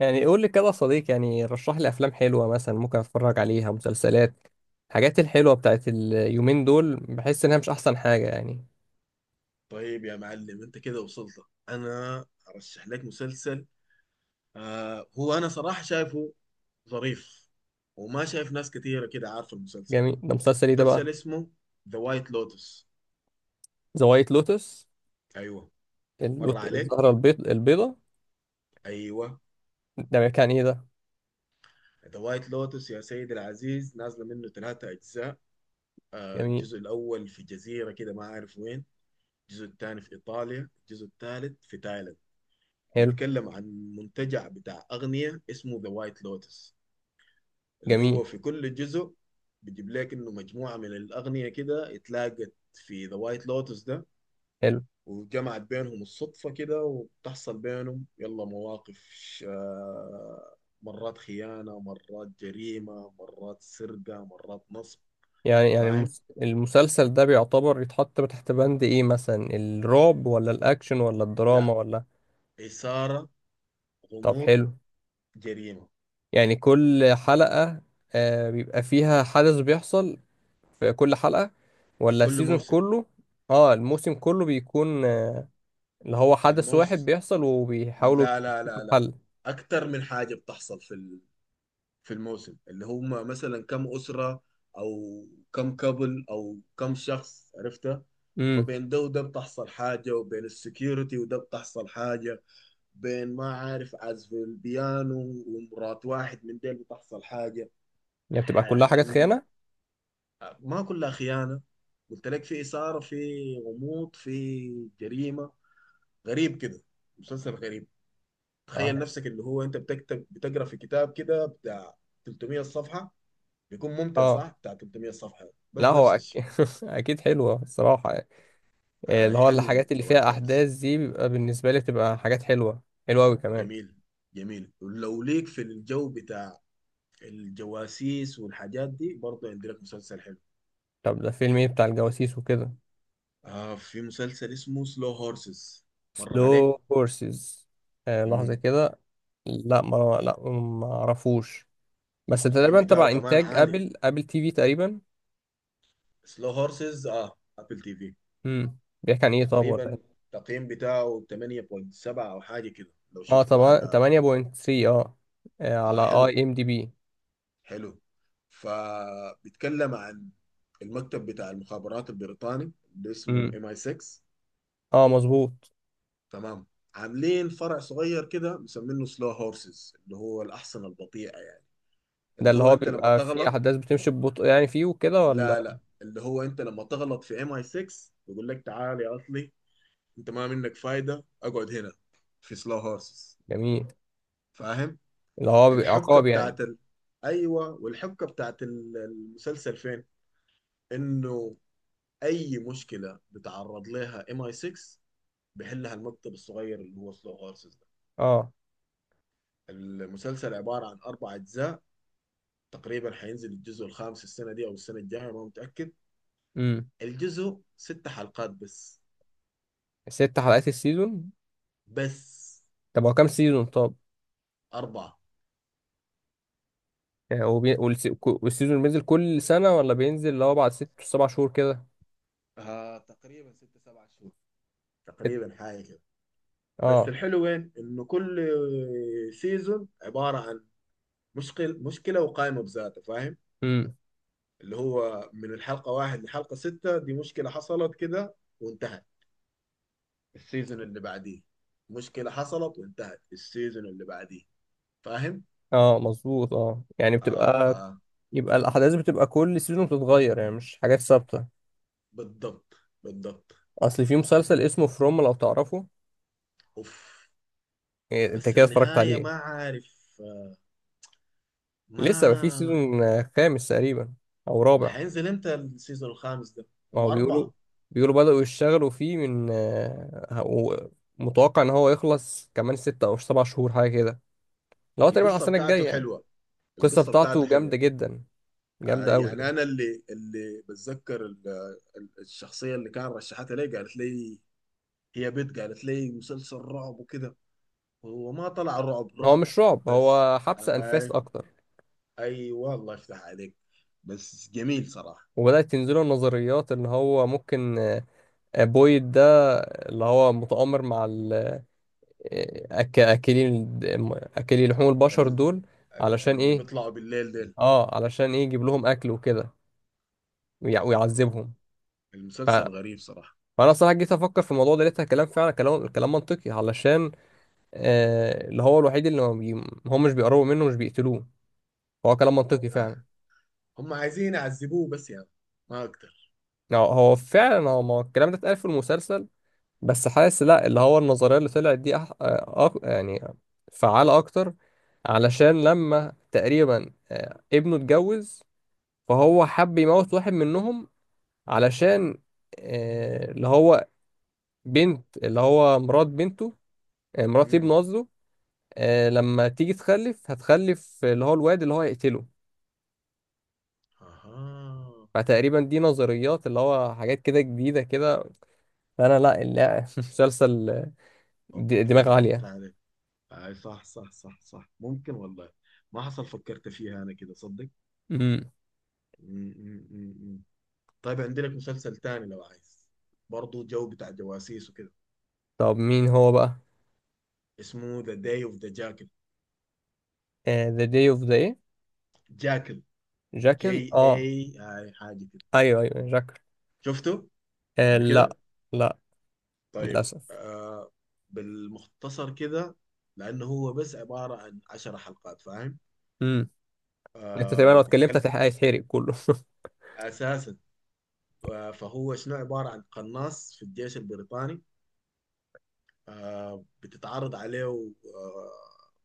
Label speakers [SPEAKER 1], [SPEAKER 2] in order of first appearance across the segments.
[SPEAKER 1] قول لي كده يا صديق، رشح لي افلام حلوه مثلا ممكن اتفرج عليها. مسلسلات الحاجات الحلوه بتاعت اليومين دول بحس انها مش احسن حاجه يعني.
[SPEAKER 2] طيب يا معلم، انت كده وصلت. انا ارشح لك مسلسل. آه هو انا صراحة شايفه ظريف، وما شايف ناس كتيرة كده عارفة المسلسل.
[SPEAKER 1] جميل، ده مسلسل ايه
[SPEAKER 2] ده
[SPEAKER 1] ده بقى؟
[SPEAKER 2] مسلسل اسمه ذا وايت لوتس.
[SPEAKER 1] ذا وايت لوتس.
[SPEAKER 2] ايوه، مر عليك.
[SPEAKER 1] الزهره البيض البيضه.
[SPEAKER 2] ايوه،
[SPEAKER 1] ده كان ايه ده؟
[SPEAKER 2] ذا وايت لوتس يا سيدي العزيز، نازلة منه 3 اجزاء.
[SPEAKER 1] جميل.
[SPEAKER 2] الجزء الاول في جزيرة كده ما اعرف وين. الجزء الثاني في ايطاليا، الجزء الثالث في تايلاند.
[SPEAKER 1] حلو.
[SPEAKER 2] بيتكلم عن منتجع بتاع اغنية اسمه ذا وايت لوتس، اللي
[SPEAKER 1] جميل.
[SPEAKER 2] هو في كل جزء بيجيب لك انه مجموعه من الاغنيه كده اتلاقت في ذا وايت لوتس ده،
[SPEAKER 1] حلو.
[SPEAKER 2] وجمعت بينهم الصدفه كده، وبتحصل بينهم يلا مواقف. آه، مرات خيانه، مرات جريمه، مرات سرقه، مرات نصب.
[SPEAKER 1] يعني
[SPEAKER 2] فاهم.
[SPEAKER 1] المسلسل ده بيعتبر يتحط تحت بند ايه، مثلا الرعب ولا الاكشن ولا الدراما
[SPEAKER 2] لا،
[SPEAKER 1] ولا؟
[SPEAKER 2] اثاره،
[SPEAKER 1] طب
[SPEAKER 2] غموض،
[SPEAKER 1] حلو.
[SPEAKER 2] جريمه.
[SPEAKER 1] يعني كل حلقه بيبقى فيها حدث بيحصل في كل حلقة ولا
[SPEAKER 2] كل
[SPEAKER 1] السيزون
[SPEAKER 2] موسم.
[SPEAKER 1] كله؟ اه، الموسم كله بيكون اللي هو حدث واحد
[SPEAKER 2] الموسم،
[SPEAKER 1] بيحصل وبيحاولوا
[SPEAKER 2] لا لا
[SPEAKER 1] يكتشفوا
[SPEAKER 2] لا لا،
[SPEAKER 1] الحل.
[SPEAKER 2] اكتر من حاجه بتحصل في الموسم، اللي هم مثلا كم أسرة، أو كم كابل أو كم شخص، عرفتها.
[SPEAKER 1] امم
[SPEAKER 2] فبين ده وده بتحصل حاجة، وبين السكيورتي وده بتحصل حاجة، بين ما عارف عزف البيانو، ومرات واحد من ديل بتحصل حاجة.
[SPEAKER 1] يعني بتبقى كلها حاجات
[SPEAKER 2] حن...
[SPEAKER 1] خيانة؟
[SPEAKER 2] ما كلها خيانة، قلت لك في إثارة، في غموض، في جريمة. غريب كده، مسلسل غريب.
[SPEAKER 1] اه.
[SPEAKER 2] تخيل نفسك اللي هو انت بتكتب بتقرا في كتاب كده بتاع 300 صفحة، بيكون ممتع
[SPEAKER 1] آه.
[SPEAKER 2] صح؟ بتاع 300 صفحة
[SPEAKER 1] لا،
[SPEAKER 2] بس
[SPEAKER 1] هو
[SPEAKER 2] نفس الشيء.
[SPEAKER 1] اكيد حلوة الصراحة يعني.
[SPEAKER 2] آه،
[SPEAKER 1] اللي هو
[SPEAKER 2] حلو
[SPEAKER 1] الحاجات اللي
[SPEAKER 2] ذا وايت
[SPEAKER 1] فيها
[SPEAKER 2] لوتس.
[SPEAKER 1] احداث دي بيبقى بالنسبة لي بتبقى حاجات حلوة، حلوة قوي كمان.
[SPEAKER 2] جميل. جميل، ولو ليك في الجو بتاع الجواسيس والحاجات دي، برضه عندي لك مسلسل حلو.
[SPEAKER 1] طب ده فيلم ايه بتاع الجواسيس وكده؟
[SPEAKER 2] آه، في مسلسل اسمه سلو هورسز. مر
[SPEAKER 1] سلو
[SPEAKER 2] عليك؟
[SPEAKER 1] هورسز. آه لحظة
[SPEAKER 2] مم.
[SPEAKER 1] كده. لا، ما اعرفوش. بس
[SPEAKER 2] التقييم
[SPEAKER 1] تقريبا تبع
[SPEAKER 2] بتاعه كمان
[SPEAKER 1] انتاج
[SPEAKER 2] عالي.
[SPEAKER 1] ابل تي في تقريبا.
[SPEAKER 2] سلو هورسز، اه ابل تي في.
[SPEAKER 1] بيحكي عن ايه طب ولا
[SPEAKER 2] تقريبا
[SPEAKER 1] ايه؟
[SPEAKER 2] التقييم بتاعه 8.7 او حاجة كده لو
[SPEAKER 1] اه
[SPEAKER 2] شفته
[SPEAKER 1] طبعا
[SPEAKER 2] على.
[SPEAKER 1] 8.3 اه.
[SPEAKER 2] آه
[SPEAKER 1] على
[SPEAKER 2] حلو،
[SPEAKER 1] اي ام دي بي.
[SPEAKER 2] حلو. فبيتكلم عن المكتب بتاع المخابرات البريطاني اللي اسمه
[SPEAKER 1] امم
[SPEAKER 2] ام اي 6.
[SPEAKER 1] اه مظبوط.
[SPEAKER 2] تمام. عاملين فرع صغير كده مسمينه سلو هورسز، اللي هو الاحصنه البطيئه يعني.
[SPEAKER 1] ده
[SPEAKER 2] اللي
[SPEAKER 1] اللي
[SPEAKER 2] هو
[SPEAKER 1] هو
[SPEAKER 2] انت لما
[SPEAKER 1] بيبقى فيه
[SPEAKER 2] تغلط،
[SPEAKER 1] احداث بتمشي ببطء يعني فيه وكده
[SPEAKER 2] لا
[SPEAKER 1] ولا؟
[SPEAKER 2] لا، اللي هو انت لما تغلط في ام اي 6، يقول لك تعال يا اصلي، انت ما منك فايده، اقعد هنا في سلو هورسز.
[SPEAKER 1] جميل.
[SPEAKER 2] فاهم.
[SPEAKER 1] اللي هو بيبقى
[SPEAKER 2] الحبكه
[SPEAKER 1] عقاب يعني.
[SPEAKER 2] بتاعت ال... ايوه، والحبكه بتاعت المسلسل فين، انه اي مشكله بتعرض لها ام اي 6، بيحلها المكتب الصغير اللي هو سلو هورسز ده.
[SPEAKER 1] اه.
[SPEAKER 2] المسلسل عباره عن 4 اجزاء. تقريبا حينزل الجزء الخامس السنه دي او السنه الجايه، ما متاكد.
[SPEAKER 1] امم
[SPEAKER 2] الجزء 6 حلقات بس.
[SPEAKER 1] ست حلقات السيزون؟
[SPEAKER 2] بس
[SPEAKER 1] طب هو كام سيزون طب؟
[SPEAKER 2] 4.
[SPEAKER 1] يعني هو والسيزون بينزل كل سنة ولا بينزل اللي هو بعد ست سبع شهور كده؟
[SPEAKER 2] آه، تقريبا ست سبع شهور،
[SPEAKER 1] ست-
[SPEAKER 2] تقريبا حاجه كده. بس
[SPEAKER 1] اه.
[SPEAKER 2] الحلو وين، انه كل سيزون عباره عن مشكله وقائمه بذاتها، فاهم.
[SPEAKER 1] امم
[SPEAKER 2] اللي هو من الحلقه 1 لحلقه 6 دي مشكله حصلت كده، وانتهت. السيزون اللي بعديه مشكلة حصلت وانتهت. السيزون اللي بعديه. فاهم؟
[SPEAKER 1] اه مظبوط. اه يعني
[SPEAKER 2] اه ف،
[SPEAKER 1] بتبقى، يبقى الاحداث بتبقى كل سيزون بتتغير يعني مش حاجات ثابتة.
[SPEAKER 2] بالضبط، بالضبط.
[SPEAKER 1] اصل في مسلسل اسمه فروم، لو تعرفه؟
[SPEAKER 2] اوف.
[SPEAKER 1] إيه، انت
[SPEAKER 2] بس
[SPEAKER 1] كده اتفرجت
[SPEAKER 2] النهاية
[SPEAKER 1] عليه؟
[SPEAKER 2] ما عارف ما.
[SPEAKER 1] لسه ما في سيزون خامس تقريبا او رابع.
[SPEAKER 2] ما هينزل امتى السيزون الخامس ده؟
[SPEAKER 1] ما
[SPEAKER 2] هم
[SPEAKER 1] هو بيقولوا
[SPEAKER 2] 4.
[SPEAKER 1] بيقولوا بدأوا يشتغلوا فيه من متوقع ان هو يخلص كمان ستة او سبع شهور حاجة كده، اللي هو تقريبا على
[SPEAKER 2] القصة
[SPEAKER 1] السنة الجاية
[SPEAKER 2] بتاعته
[SPEAKER 1] يعني.
[SPEAKER 2] حلوة.
[SPEAKER 1] القصة
[SPEAKER 2] القصة بتاعته
[SPEAKER 1] بتاعته
[SPEAKER 2] حلوة.
[SPEAKER 1] جامدة جدا،
[SPEAKER 2] آه
[SPEAKER 1] جامدة قوي
[SPEAKER 2] يعني
[SPEAKER 1] يعني.
[SPEAKER 2] أنا اللي بتذكر الشخصية اللي كان رشحتها لي، قالت لي هي بنت، قالت لي مسلسل رعب وكده. هو ما طلع رعب
[SPEAKER 1] هو
[SPEAKER 2] رعب.
[SPEAKER 1] مش رعب،
[SPEAKER 2] بس
[SPEAKER 1] هو حبس انفاس
[SPEAKER 2] آه،
[SPEAKER 1] اكتر.
[SPEAKER 2] ايوه الله يفتح عليك. بس جميل صراحه.
[SPEAKER 1] وبدأت تنزله النظريات ان هو ممكن بويد ده اللي هو متآمر مع اكلين، اكلي لحوم البشر
[SPEAKER 2] ال...
[SPEAKER 1] دول. علشان
[SPEAKER 2] اللي
[SPEAKER 1] ايه؟
[SPEAKER 2] بيطلعوا بالليل ديل.
[SPEAKER 1] اه علشان ايه يجيب لهم اكل وكده، ويعذبهم. ف...
[SPEAKER 2] المسلسل غريب صراحه.
[SPEAKER 1] فانا صراحه جيت افكر في الموضوع ده لقيتها كلام فعلا، كلام منطقي. علشان اللي هو الوحيد اللي ما بي... هم مش بيقربوا منه، مش بيقتلوه. هو كلام منطقي
[SPEAKER 2] آه.
[SPEAKER 1] فعلا.
[SPEAKER 2] هم عايزين يعذبوه بس يعني، ما اقدر.
[SPEAKER 1] يعني هو فعلا، هو ما الكلام ده اتقال في المسلسل بس حاسس لا، اللي هو النظريه اللي طلعت دي يعني فعاله اكتر. علشان لما تقريبا ابنه اتجوز، فهو حب يموت واحد منهم. علشان اللي هو بنت، اللي هو مرات بنته، مرات ابنه
[SPEAKER 2] امم.
[SPEAKER 1] قصده. لما تيجي تخلف، هتخلف اللي هو الواد اللي هو هيقتله.
[SPEAKER 2] اها.
[SPEAKER 1] فتقريبا دي نظريات اللي هو حاجات كده جديدة كده. فأنا لا لا مسلسل
[SPEAKER 2] اوكي،
[SPEAKER 1] دماغ
[SPEAKER 2] فهمت
[SPEAKER 1] عالية.
[SPEAKER 2] عليك. اي صح، صح، صح، صح، ممكن والله. ما حصل فكرت فيها انا كده صدق.
[SPEAKER 1] مم.
[SPEAKER 2] مم، مم، مم، مم. طيب عندي لك مسلسل تاني لو عايز، برضه جو بتاع جواسيس وكده.
[SPEAKER 1] طب مين هو بقى؟
[SPEAKER 2] اسمه ذا داي اوف ذا جاكل.
[SPEAKER 1] The Day of the إيه؟
[SPEAKER 2] جاكل،
[SPEAKER 1] جاكل.
[SPEAKER 2] جي
[SPEAKER 1] اه
[SPEAKER 2] اي هاي حاجه كده.
[SPEAKER 1] ايوه ايوه جاكل.
[SPEAKER 2] شفته
[SPEAKER 1] آه
[SPEAKER 2] قبل كده؟
[SPEAKER 1] لا. لا
[SPEAKER 2] طيب
[SPEAKER 1] للأسف.
[SPEAKER 2] آه، بالمختصر كده، لأنه هو بس عبارة عن 10 حلقات، فاهم.
[SPEAKER 1] مم. انت تقريبا
[SPEAKER 2] آه
[SPEAKER 1] لو اتكلمت
[SPEAKER 2] بيتكلم
[SPEAKER 1] هيتحرق كله.
[SPEAKER 2] أساسا. آه فهو شنو عبارة عن قناص في الجيش البريطاني. آه بتتعرض عليه آه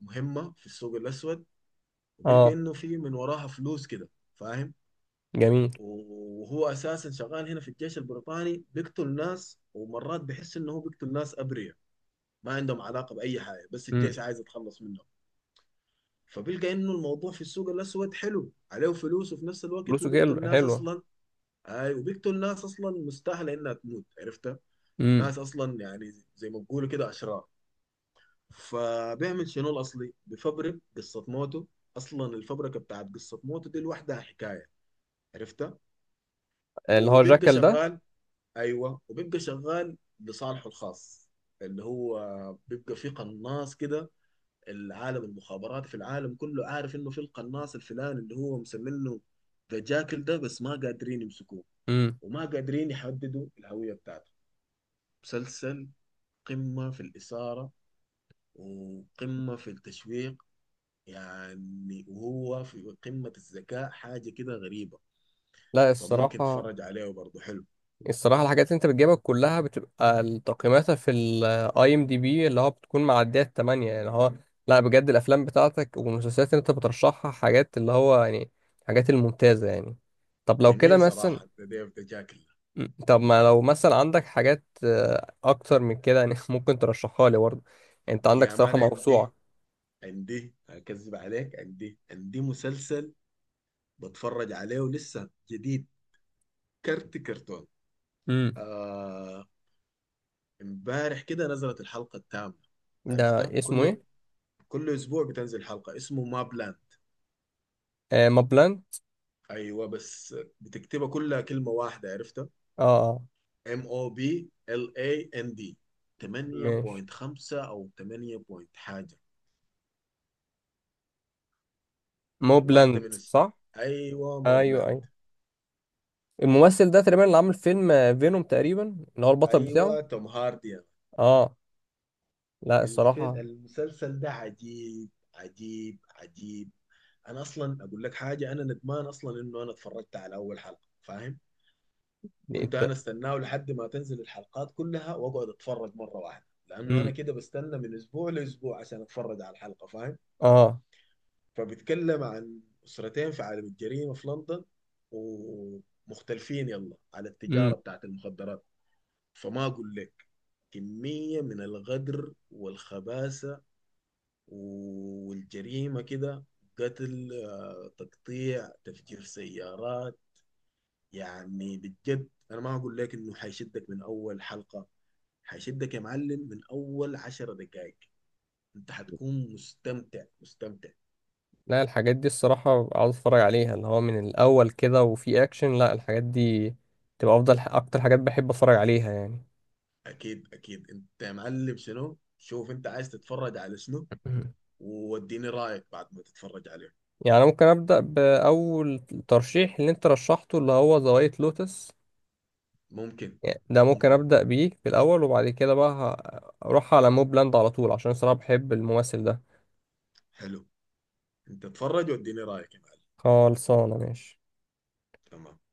[SPEAKER 2] مهمة في السوق الأسود. وبيلقى
[SPEAKER 1] اه
[SPEAKER 2] إنه في من وراها فلوس كده، فاهم.
[SPEAKER 1] جميل.
[SPEAKER 2] وهو أساسا شغال هنا في الجيش البريطاني بيقتل ناس، ومرات بيحس إنه هو بيقتل ناس أبرياء ما عندهم علاقة بأي حاجة، بس
[SPEAKER 1] امم
[SPEAKER 2] الجيش عايز يتخلص منهم. فبيلقى انه الموضوع في السوق الاسود حلو، عليه فلوس، وفي نفس الوقت هو
[SPEAKER 1] فلوسه
[SPEAKER 2] بيقتل ناس
[SPEAKER 1] حلوة.
[SPEAKER 2] اصلا. اي، وبيقتل ناس اصلا مستاهله انها تموت، عرفتها.
[SPEAKER 1] امم
[SPEAKER 2] ناس اصلا يعني زي ما بيقولوا كده اشرار. فبيعمل شنو الاصلي، بفبرك قصه موته. اصلا الفبركه بتاعت قصه موته دي لوحدها حكايه، عرفتها.
[SPEAKER 1] اللي هو
[SPEAKER 2] وبيبقى
[SPEAKER 1] جاكل ده.
[SPEAKER 2] شغال، ايوه، وبيبقى شغال لصالحه الخاص. اللي هو بيبقى في قناص كده، العالم المخابراتي في العالم كله عارف انه في القناص الفلاني اللي هو مسمينه ذا جاكل ده، بس ما قادرين يمسكوه،
[SPEAKER 1] امم
[SPEAKER 2] وما قادرين يحددوا الهوية بتاعته. مسلسل قمة في الإثارة وقمة في التشويق، يعني وهو في قمة الذكاء، حاجة كده غريبة.
[SPEAKER 1] لا.
[SPEAKER 2] فممكن
[SPEAKER 1] الصراحة
[SPEAKER 2] تتفرج عليه برضه، حلو.
[SPEAKER 1] الصراحة الحاجات اللي انت بتجيبها كلها بتبقى تقييماتها في الاي ام دي بي اللي هو بتكون معدية التمانية يعني. هو لا بجد الافلام بتاعتك والمسلسلات اللي انت بترشحها حاجات اللي هو يعني حاجات الممتازة يعني. طب لو كده
[SPEAKER 2] جميل
[SPEAKER 1] مثلا،
[SPEAKER 2] صراحة ذا ديف ذا جاكل.
[SPEAKER 1] طب ما لو مثلا عندك حاجات اكتر من كده يعني ممكن ترشحها لي برضه. يعني انت عندك
[SPEAKER 2] يا
[SPEAKER 1] صراحة
[SPEAKER 2] مان عندي
[SPEAKER 1] موسوعة.
[SPEAKER 2] عندي أكذب عليك، عندي مسلسل بتفرج عليه لسه جديد، كرتون.
[SPEAKER 1] امم
[SPEAKER 2] آه، امبارح كده نزلت الحلقة التامة،
[SPEAKER 1] ده
[SPEAKER 2] عرفتها.
[SPEAKER 1] اسمه
[SPEAKER 2] كل
[SPEAKER 1] ايه؟
[SPEAKER 2] كل اسبوع بتنزل حلقة، اسمه ما بلان.
[SPEAKER 1] آه مابلاند.
[SPEAKER 2] ايوه بس بتكتبها كلها كلمة واحدة، عرفتها.
[SPEAKER 1] اه. آه.
[SPEAKER 2] ام او بي ال اي ان دي
[SPEAKER 1] ماشي.
[SPEAKER 2] 8.5 او 8 بوينت حاجة. واحدة
[SPEAKER 1] موبلاند
[SPEAKER 2] من
[SPEAKER 1] صح؟
[SPEAKER 2] ايوه ما
[SPEAKER 1] ايوه
[SPEAKER 2] بلان.
[SPEAKER 1] ايوه. الممثل ده تقريبا اللي عامل فيلم فينوم تقريبا، اللي هو البطل بتاعه.
[SPEAKER 2] ايوة توم هاردي.
[SPEAKER 1] اه. لا
[SPEAKER 2] الفيل
[SPEAKER 1] الصراحه.
[SPEAKER 2] المسلسل ده عجيب، عجيب، عجيب. انا اصلا اقول لك حاجة، انا ندمان اصلا انه انا اتفرجت على اول حلقة، فاهم.
[SPEAKER 1] دي
[SPEAKER 2] كنت
[SPEAKER 1] انت.
[SPEAKER 2] انا استناه لحد ما تنزل الحلقات كلها واقعد اتفرج مره واحده، لانه انا
[SPEAKER 1] امم
[SPEAKER 2] كده بستنى من اسبوع لاسبوع عشان اتفرج على الحلقه، فاهم.
[SPEAKER 1] اه.
[SPEAKER 2] فبيتكلم عن اسرتين في عالم الجريمه في لندن، ومختلفين يلا على التجاره
[SPEAKER 1] امم
[SPEAKER 2] بتاعت المخدرات. فما اقول لك، كميه من الغدر والخباثه والجريمه كده، قتل، تقطيع، تفجير سيارات. يعني بجد انا ما اقول لك انه حيشدك من اول حلقه، هيشدك يا معلم من اول 10 دقائق. انت هتكون مستمتع، مستمتع.
[SPEAKER 1] لا الحاجات دي الصراحه عاوز اتفرج عليها، اللي هو من الاول كده وفي اكشن. لا الحاجات دي تبقى افضل اكتر حاجات بحب اتفرج عليها يعني.
[SPEAKER 2] اكيد، اكيد. انت يا معلم شنو، شوف انت عايز تتفرج على شنو، ووديني رايك بعد ما تتفرج عليه.
[SPEAKER 1] يعني أنا ممكن ابدا باول ترشيح اللي انت رشحته اللي هو ذا وايت لوتس.
[SPEAKER 2] ممكن.
[SPEAKER 1] يعني ده ممكن
[SPEAKER 2] ممكن،
[SPEAKER 1] ابدا بيه في الاول وبعد كده بقى اروح على موبلاند على طول، عشان صراحه بحب الممثل ده.
[SPEAKER 2] حلو. انت اتفرج واديني رايك يا معلم.
[SPEAKER 1] خلصانة ماشي.
[SPEAKER 2] تمام.